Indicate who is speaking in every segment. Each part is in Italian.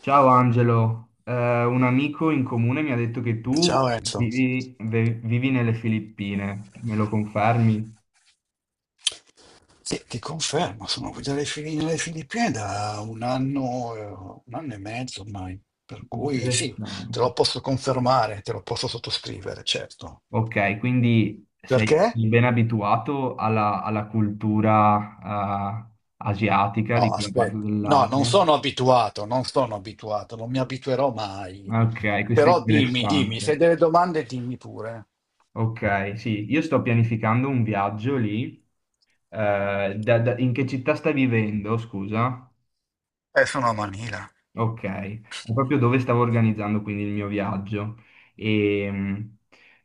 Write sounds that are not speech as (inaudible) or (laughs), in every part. Speaker 1: Ciao Angelo, un amico in comune mi ha detto che
Speaker 2: Ciao
Speaker 1: tu
Speaker 2: Enzo.
Speaker 1: vivi nelle Filippine, me lo confermi?
Speaker 2: Sì, ti confermo, sono qui nelle Filippine da un anno e mezzo ormai, per cui sì, te
Speaker 1: Interessante.
Speaker 2: lo posso confermare, te lo posso sottoscrivere, certo.
Speaker 1: Ok, quindi sei,
Speaker 2: Perché?
Speaker 1: sei ben abituato alla cultura, eh, asiatica di
Speaker 2: No,
Speaker 1: quella parte
Speaker 2: aspetta, no, non
Speaker 1: dell'Asia.
Speaker 2: sono abituato, non sono abituato, non mi abituerò mai.
Speaker 1: Ok, questo è
Speaker 2: Però dimmi, dimmi, se hai
Speaker 1: interessante.
Speaker 2: delle domande, dimmi pure.
Speaker 1: Ok, sì, io sto pianificando un viaggio lì. In che città stai vivendo, scusa?
Speaker 2: Sono a Manila.
Speaker 1: Ok, è proprio dove stavo organizzando quindi il mio viaggio e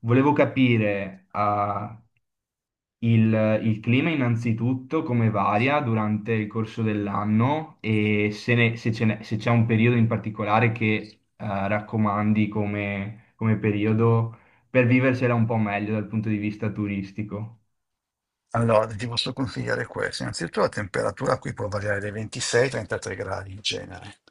Speaker 1: volevo capire il clima innanzitutto come varia durante il corso dell'anno e se, ne- se ce n'è- se c'è un periodo in particolare che raccomandi come periodo per viversela un po' meglio dal punto di vista turistico.
Speaker 2: Allora, ti posso consigliare questo. Innanzitutto la temperatura qui può variare dai 26 ai 33 gradi in genere,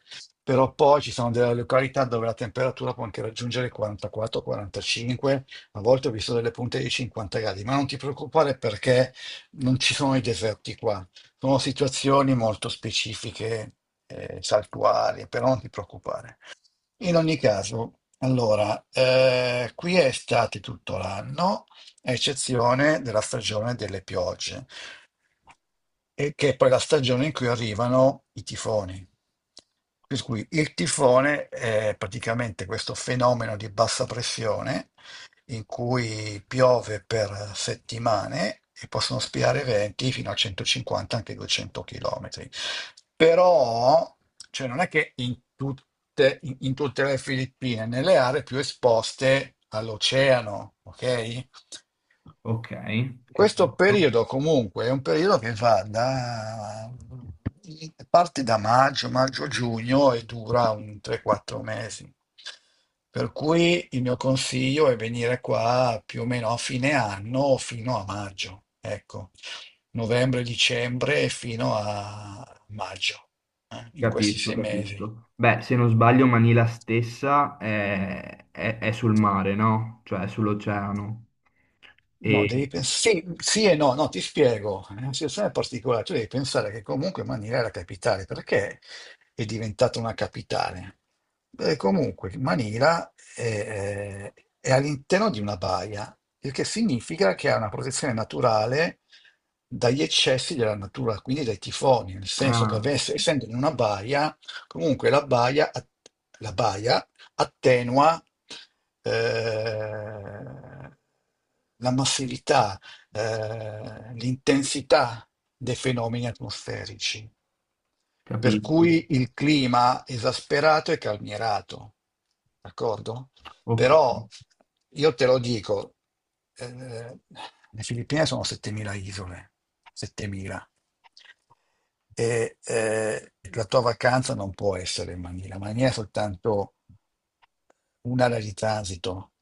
Speaker 2: però poi ci sono delle località dove la temperatura può anche raggiungere i 44, 45, a volte ho visto delle punte di 50 gradi, ma non ti preoccupare perché non ci sono i deserti qua, sono situazioni molto specifiche, saltuarie, però non ti preoccupare. In ogni caso, allora, qui è estate tutto l'anno a eccezione della stagione delle piogge, e che è poi la stagione in cui arrivano i tifoni. Per cui il tifone è praticamente questo fenomeno di bassa pressione in cui piove per settimane e possono spiare venti fino a 150, anche 200 chilometri. Però, cioè, non è che in tutte le Filippine, nelle aree più esposte all'oceano, ok?
Speaker 1: Ok,
Speaker 2: Questo
Speaker 1: capisco.
Speaker 2: periodo comunque è un periodo che va da parte da maggio, maggio-giugno e dura un 3-4 mesi. Per cui il mio consiglio è venire qua più o meno a fine anno fino a maggio, ecco, novembre, dicembre fino a maggio, in questi
Speaker 1: Capisco,
Speaker 2: sei mesi.
Speaker 1: capisco. Beh, se non sbaglio, Manila stessa è sul mare, no? Cioè, è sull'oceano.
Speaker 2: No,
Speaker 1: E...
Speaker 2: devi pensare, sì, sì e no, no, ti spiego, è una situazione particolare, tu devi pensare che comunque Manila è la capitale, perché è diventata una capitale? Beh, comunque Manila è, all'interno di una baia, il che significa che ha una protezione naturale dagli eccessi della natura, quindi dai tifoni, nel senso che
Speaker 1: Ah,
Speaker 2: essendo in una baia, comunque la baia attenua eh, la massività, l'intensità dei fenomeni atmosferici, per
Speaker 1: capisco.
Speaker 2: cui il clima esasperato è calmierato, d'accordo?
Speaker 1: Ok,
Speaker 2: Però io te lo dico, eh, le Filippine sono 7.000 isole, 7.000 e la tua vacanza non può essere in Manila. Manila è soltanto un'area di transito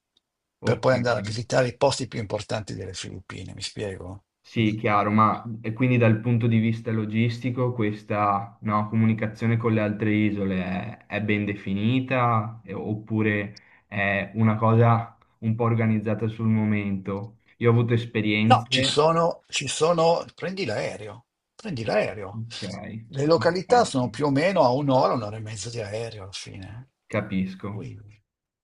Speaker 2: per
Speaker 1: ok.
Speaker 2: poi andare a visitare i posti più importanti delle Filippine, mi spiego?
Speaker 1: Sì,
Speaker 2: Mm?
Speaker 1: chiaro, ma e quindi dal punto di vista logistico questa, no, comunicazione con le altre isole è ben definita oppure è una cosa un po' organizzata sul momento? Io ho avuto
Speaker 2: No,
Speaker 1: esperienze...
Speaker 2: ci sono, prendi l'aereo, prendi l'aereo.
Speaker 1: Ok,
Speaker 2: Le
Speaker 1: ok,
Speaker 2: località sono più o meno a un'ora, un'ora e mezza di aereo alla fine.
Speaker 1: capisco.
Speaker 2: Ui.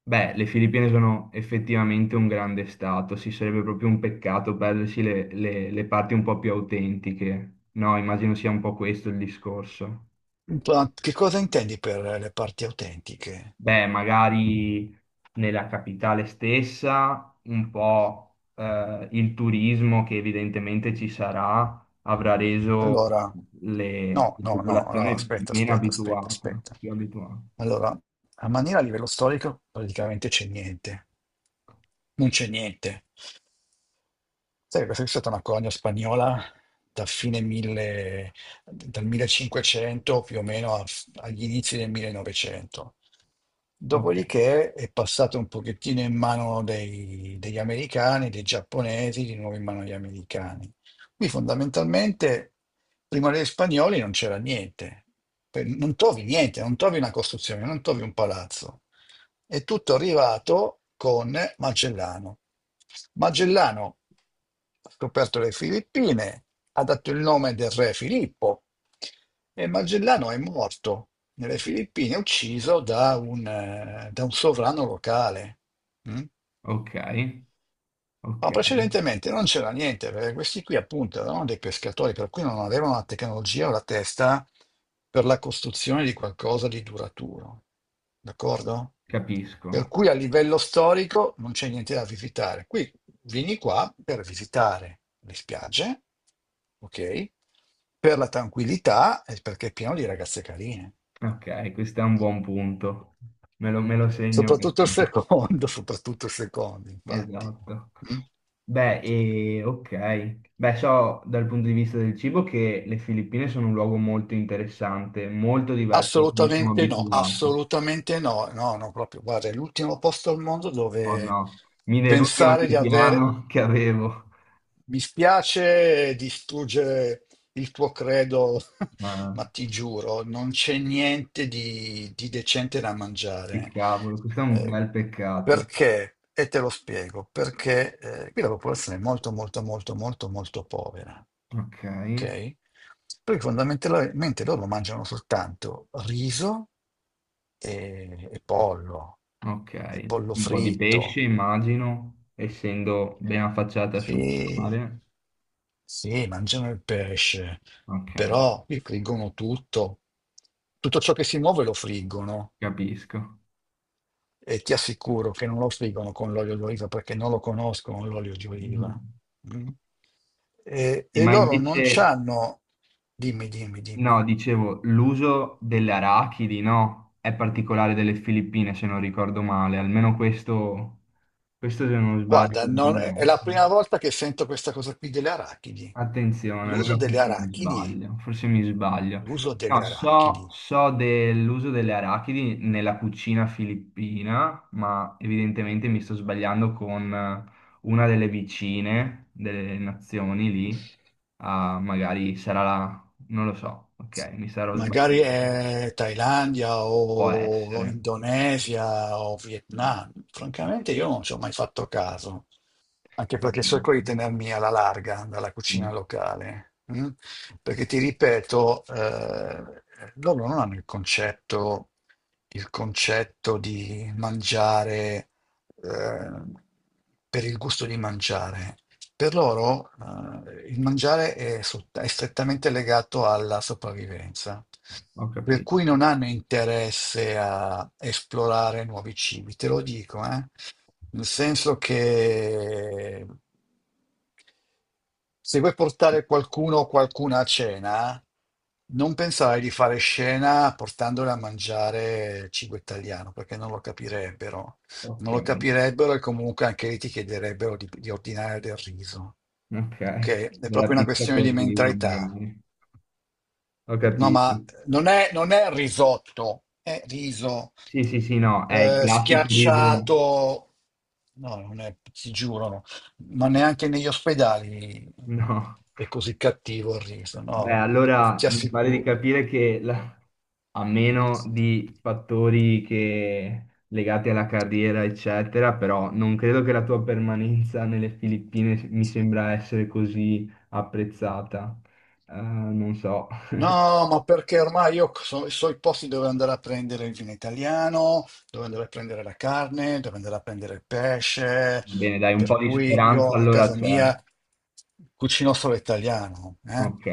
Speaker 1: Beh, le Filippine sono effettivamente un grande stato, sì, sarebbe proprio un peccato perdersi le parti un po' più autentiche. No, immagino sia un po' questo il discorso.
Speaker 2: Ma che cosa intendi per le parti autentiche?
Speaker 1: Beh, magari nella capitale stessa, un po' il turismo che evidentemente ci sarà avrà reso
Speaker 2: Allora, no,
Speaker 1: la
Speaker 2: no, no, no,
Speaker 1: popolazione
Speaker 2: aspetta,
Speaker 1: meno
Speaker 2: aspetta, aspetta,
Speaker 1: abituata,
Speaker 2: aspetta.
Speaker 1: più abituata.
Speaker 2: Allora, a maniera a livello storico praticamente c'è niente. Non c'è niente. Sai, questa è stata una colonia spagnola da fine 1000 dal 1500 più o meno agli inizi del 1900.
Speaker 1: Ok,
Speaker 2: Dopodiché è passata un pochettino in mano degli americani, dei giapponesi, di nuovo in mano agli americani. Qui fondamentalmente, prima degli spagnoli non c'era niente. Non trovi niente, non trovi una costruzione, non trovi un palazzo. È tutto arrivato con Magellano. Magellano ha scoperto le Filippine, ha dato il nome del re Filippo e Magellano è morto nelle Filippine, ucciso da un sovrano locale. Mm?
Speaker 1: ok,
Speaker 2: No,
Speaker 1: ok,
Speaker 2: precedentemente non c'era niente, perché questi qui appunto erano dei pescatori, per cui non avevano la tecnologia o la testa per la costruzione di qualcosa di duraturo, d'accordo? Per
Speaker 1: capisco.
Speaker 2: cui a livello storico non c'è niente da visitare. Qui vieni qua per visitare le spiagge, ok? Per la tranquillità e perché è pieno di ragazze carine.
Speaker 1: Ok, questo è un buon punto. Me lo segno
Speaker 2: Soprattutto il
Speaker 1: perché.
Speaker 2: secondo, (laughs) soprattutto il secondo, infatti.
Speaker 1: Esatto.
Speaker 2: Mm?
Speaker 1: Ok. Beh, so dal punto di vista del cibo che le Filippine sono un luogo molto interessante, molto diverso da cui siamo abituati.
Speaker 2: Assolutamente no, no, no, proprio, guarda, è l'ultimo posto al mondo
Speaker 1: Oh no,
Speaker 2: dove
Speaker 1: mi deludi
Speaker 2: pensare
Speaker 1: ogni
Speaker 2: di aver.
Speaker 1: piano che avevo.
Speaker 2: Mi spiace distruggere il tuo credo, (laughs)
Speaker 1: Ma
Speaker 2: ma ti giuro, non c'è niente di decente da
Speaker 1: che
Speaker 2: mangiare.
Speaker 1: cavolo, questo è un
Speaker 2: Eh,
Speaker 1: bel peccato.
Speaker 2: Perché? E te lo spiego, perché qui la popolazione è molto, molto, molto, molto, molto povera.
Speaker 1: Ok,
Speaker 2: Ok? Perché fondamentalmente loro mangiano soltanto riso e pollo,
Speaker 1: ok.
Speaker 2: e pollo
Speaker 1: Un po' di pesce,
Speaker 2: fritto.
Speaker 1: immagino, essendo ben affacciata sul
Speaker 2: Sì,
Speaker 1: mare.
Speaker 2: sì, mangiano il pesce,
Speaker 1: Ok.
Speaker 2: però friggono tutto. Tutto ciò che si muove lo friggono
Speaker 1: Capisco.
Speaker 2: e ti assicuro che non lo friggono con l'olio d'oliva perché non lo conoscono l'olio di
Speaker 1: Mm.
Speaker 2: oliva. Mm? E,
Speaker 1: Sì,
Speaker 2: e
Speaker 1: ma
Speaker 2: loro non
Speaker 1: invece,
Speaker 2: c'hanno... Dimmi, dimmi, dimmi.
Speaker 1: no, dicevo, l'uso delle arachidi, no, è particolare delle Filippine, se non ricordo male, almeno questo, questo se non sbaglio.
Speaker 2: Guarda,
Speaker 1: Non è
Speaker 2: è
Speaker 1: messo.
Speaker 2: la prima volta che sento questa cosa qui delle arachidi.
Speaker 1: Attenzione,
Speaker 2: L'uso
Speaker 1: allora
Speaker 2: delle
Speaker 1: forse mi
Speaker 2: arachidi,
Speaker 1: sbaglio, forse mi sbaglio.
Speaker 2: l'uso delle
Speaker 1: No, so,
Speaker 2: arachidi.
Speaker 1: so dell'uso delle arachidi nella cucina filippina, ma evidentemente mi sto sbagliando con una delle vicine delle nazioni lì. Ah, magari sarà la... non lo so, ok, mi sarò
Speaker 2: Magari
Speaker 1: sbagliato.
Speaker 2: è Thailandia
Speaker 1: Può
Speaker 2: o
Speaker 1: essere.
Speaker 2: Indonesia o
Speaker 1: Mm,
Speaker 2: Vietnam. Francamente io non ci ho mai fatto caso, anche perché cerco di tenermi alla larga dalla cucina locale, mm? Perché ti ripeto, loro non hanno il concetto di mangiare, eh, per il gusto di mangiare. Per loro, il mangiare è strettamente legato alla sopravvivenza,
Speaker 1: ho
Speaker 2: per
Speaker 1: capito.
Speaker 2: cui non hanno interesse a esplorare nuovi cibi, te lo dico. Nel senso che se vuoi portare qualcuno o qualcuna a cena, non pensare di fare scena portandole a mangiare cibo italiano, perché non lo capirebbero.
Speaker 1: Ok,
Speaker 2: Non lo capirebbero e comunque anche lì ti chiederebbero di ordinare del riso.
Speaker 1: ok.
Speaker 2: Ok? È
Speaker 1: Della
Speaker 2: proprio una
Speaker 1: pizza
Speaker 2: questione di
Speaker 1: col riso
Speaker 2: mentalità.
Speaker 1: magari. Ho
Speaker 2: No,
Speaker 1: capito.
Speaker 2: ma non è risotto, è riso
Speaker 1: Sì, sì, sì, no, è il classico viso. (laughs)
Speaker 2: schiacciato. No, non è, ti giuro, no. Ma neanche negli ospedali
Speaker 1: No.
Speaker 2: è così cattivo il riso,
Speaker 1: Beh,
Speaker 2: no?
Speaker 1: allora
Speaker 2: Ti
Speaker 1: mi pare di
Speaker 2: assicuro.
Speaker 1: capire che a meno di legati alla carriera, eccetera, però non credo che la tua permanenza nelle Filippine mi sembra essere così apprezzata. Non so.
Speaker 2: No, ma perché ormai io so i posti dove andare a prendere il vino italiano, dove andare a prendere la carne, dove andare a prendere il pesce,
Speaker 1: Va bene, dai, un
Speaker 2: per
Speaker 1: po' di
Speaker 2: cui
Speaker 1: speranza
Speaker 2: io a
Speaker 1: allora
Speaker 2: casa
Speaker 1: c'è.
Speaker 2: mia cucino solo italiano.
Speaker 1: Ok,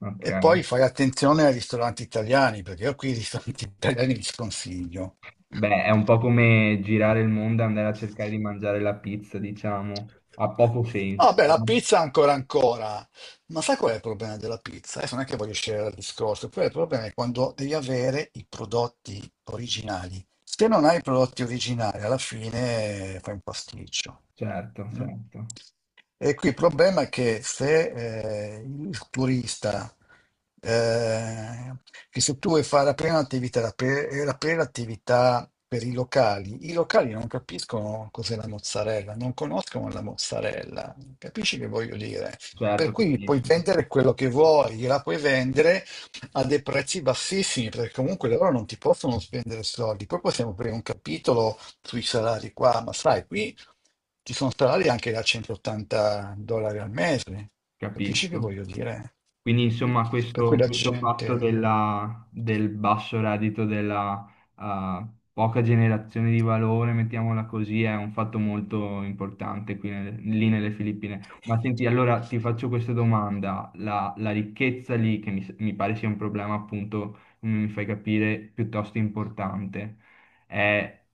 Speaker 1: ok.
Speaker 2: E poi fai attenzione ai ristoranti italiani, perché io qui i ristoranti (laughs) italiani li sconsiglio.
Speaker 1: Beh, è un po' come girare il mondo e andare a cercare di mangiare la pizza, diciamo, ha poco
Speaker 2: Ah,
Speaker 1: senso,
Speaker 2: beh, la
Speaker 1: no?
Speaker 2: pizza ancora ancora. Ma sai qual è il problema della pizza? Adesso non è che voglio scegliere dal discorso, poi il problema è quando devi avere i prodotti originali. Se non hai i prodotti originali, alla fine fai un pasticcio.
Speaker 1: Certo,
Speaker 2: No?
Speaker 1: certo,
Speaker 2: E qui il problema è che se il turista, eh, che se tu vuoi fare aprire un'attività, aprire attività per i locali non capiscono cos'è la mozzarella, non conoscono la mozzarella. Capisci che voglio dire? Per
Speaker 1: certo,
Speaker 2: cui puoi
Speaker 1: capisco,
Speaker 2: vendere quello che vuoi, gliela puoi vendere a dei prezzi bassissimi, perché comunque loro non ti possono spendere soldi. Poi possiamo aprire un capitolo sui salari qua, ma sai, qui ci sono salari anche da 180 dollari al mese. Capisci che
Speaker 1: capisco.
Speaker 2: voglio dire?
Speaker 1: Quindi insomma
Speaker 2: Per cui la
Speaker 1: questo fatto
Speaker 2: gente...
Speaker 1: del basso reddito, della eh, poca generazione di valore, mettiamola così, è un fatto molto importante qui lì nelle Filippine. Ma senti, allora ti faccio questa domanda, la ricchezza lì, che mi pare sia un problema appunto, come mi fai capire, piuttosto importante, è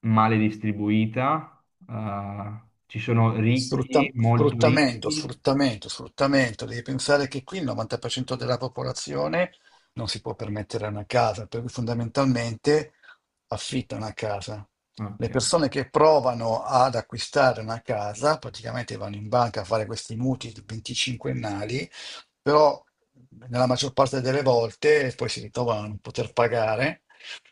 Speaker 1: male distribuita. Ci sono ricchi,
Speaker 2: Sfrutta-
Speaker 1: molto
Speaker 2: sfruttamento,
Speaker 1: ricchi.
Speaker 2: sfruttamento, sfruttamento. Devi pensare che qui il 90% della popolazione non si può permettere una casa, per cui fondamentalmente affitta una casa. Le
Speaker 1: Ok.
Speaker 2: persone che provano ad acquistare una casa praticamente vanno in banca a fare questi mutui 25ennali, però nella maggior parte delle volte poi si ritrovano a non poter pagare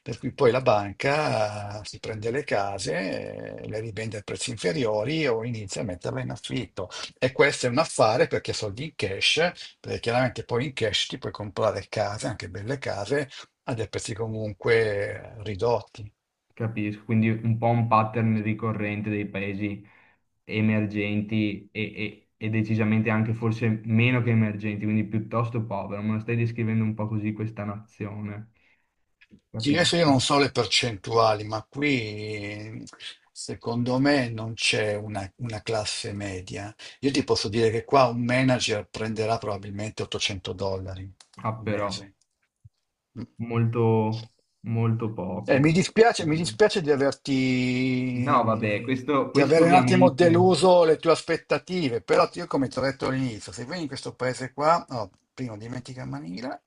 Speaker 2: per cui poi la banca si prende le case, le rivende a prezzi inferiori o inizia a metterle in affitto. E questo è un affare perché soldi in cash, perché chiaramente poi in cash ti puoi comprare case, anche belle case, a dei prezzi comunque ridotti.
Speaker 1: Capisco, quindi un po' un pattern ricorrente dei paesi emergenti e decisamente anche forse meno che emergenti, quindi piuttosto povero. Me lo stai descrivendo un po' così questa nazione,
Speaker 2: Sì,
Speaker 1: capito?
Speaker 2: adesso io non so le percentuali, ma qui secondo me non c'è una classe media. Io ti posso dire che qua un manager prenderà probabilmente 800 dollari
Speaker 1: Ah,
Speaker 2: al
Speaker 1: però,
Speaker 2: mese. Mm.
Speaker 1: molto, molto poco.
Speaker 2: Mi dispiace
Speaker 1: No, vabbè,
Speaker 2: di
Speaker 1: questo
Speaker 2: avere un attimo
Speaker 1: ovviamente...
Speaker 2: deluso le tue aspettative, però io come ti ho detto all'inizio, se vieni in questo paese qua, oh, prima dimentica Manila,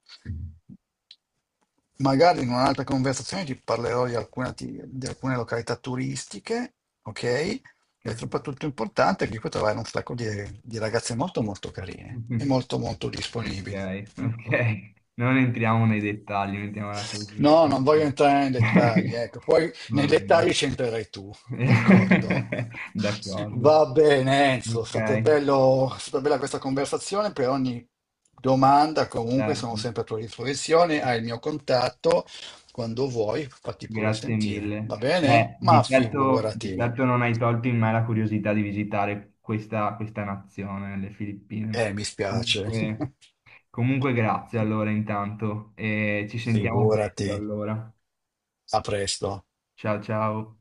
Speaker 2: magari in un'altra conversazione ti parlerò di alcune località turistiche, ok? E
Speaker 1: Capisco.
Speaker 2: soprattutto importante è che qui trovare un sacco di ragazze molto molto carine e
Speaker 1: (laughs)
Speaker 2: molto molto
Speaker 1: Ok,
Speaker 2: disponibili. Mm?
Speaker 1: ok. Non entriamo nei dettagli, mettiamola così.
Speaker 2: No, non voglio entrare nei dettagli,
Speaker 1: (laughs)
Speaker 2: ecco, poi
Speaker 1: Va
Speaker 2: nei
Speaker 1: bene.
Speaker 2: dettagli c'entrerai tu, d'accordo?
Speaker 1: (laughs)
Speaker 2: (laughs)
Speaker 1: D'accordo.
Speaker 2: Va bene, Enzo, è
Speaker 1: Ok,
Speaker 2: stata, bello- è stata bella questa conversazione, per ogni domanda comunque sono
Speaker 1: certo.
Speaker 2: sempre a tua disposizione, hai il mio contatto, quando vuoi fatti pure
Speaker 1: Grazie
Speaker 2: sentire, va
Speaker 1: mille.
Speaker 2: bene?
Speaker 1: Beh,
Speaker 2: Ma
Speaker 1: di
Speaker 2: figurati.
Speaker 1: certo non hai tolto in me la curiosità di visitare questa nazione, le Filippine.
Speaker 2: Mi spiace. (laughs)
Speaker 1: Comunque, comunque grazie allora intanto e ci sentiamo
Speaker 2: Figurati.
Speaker 1: presto allora.
Speaker 2: A presto.
Speaker 1: Ciao ciao.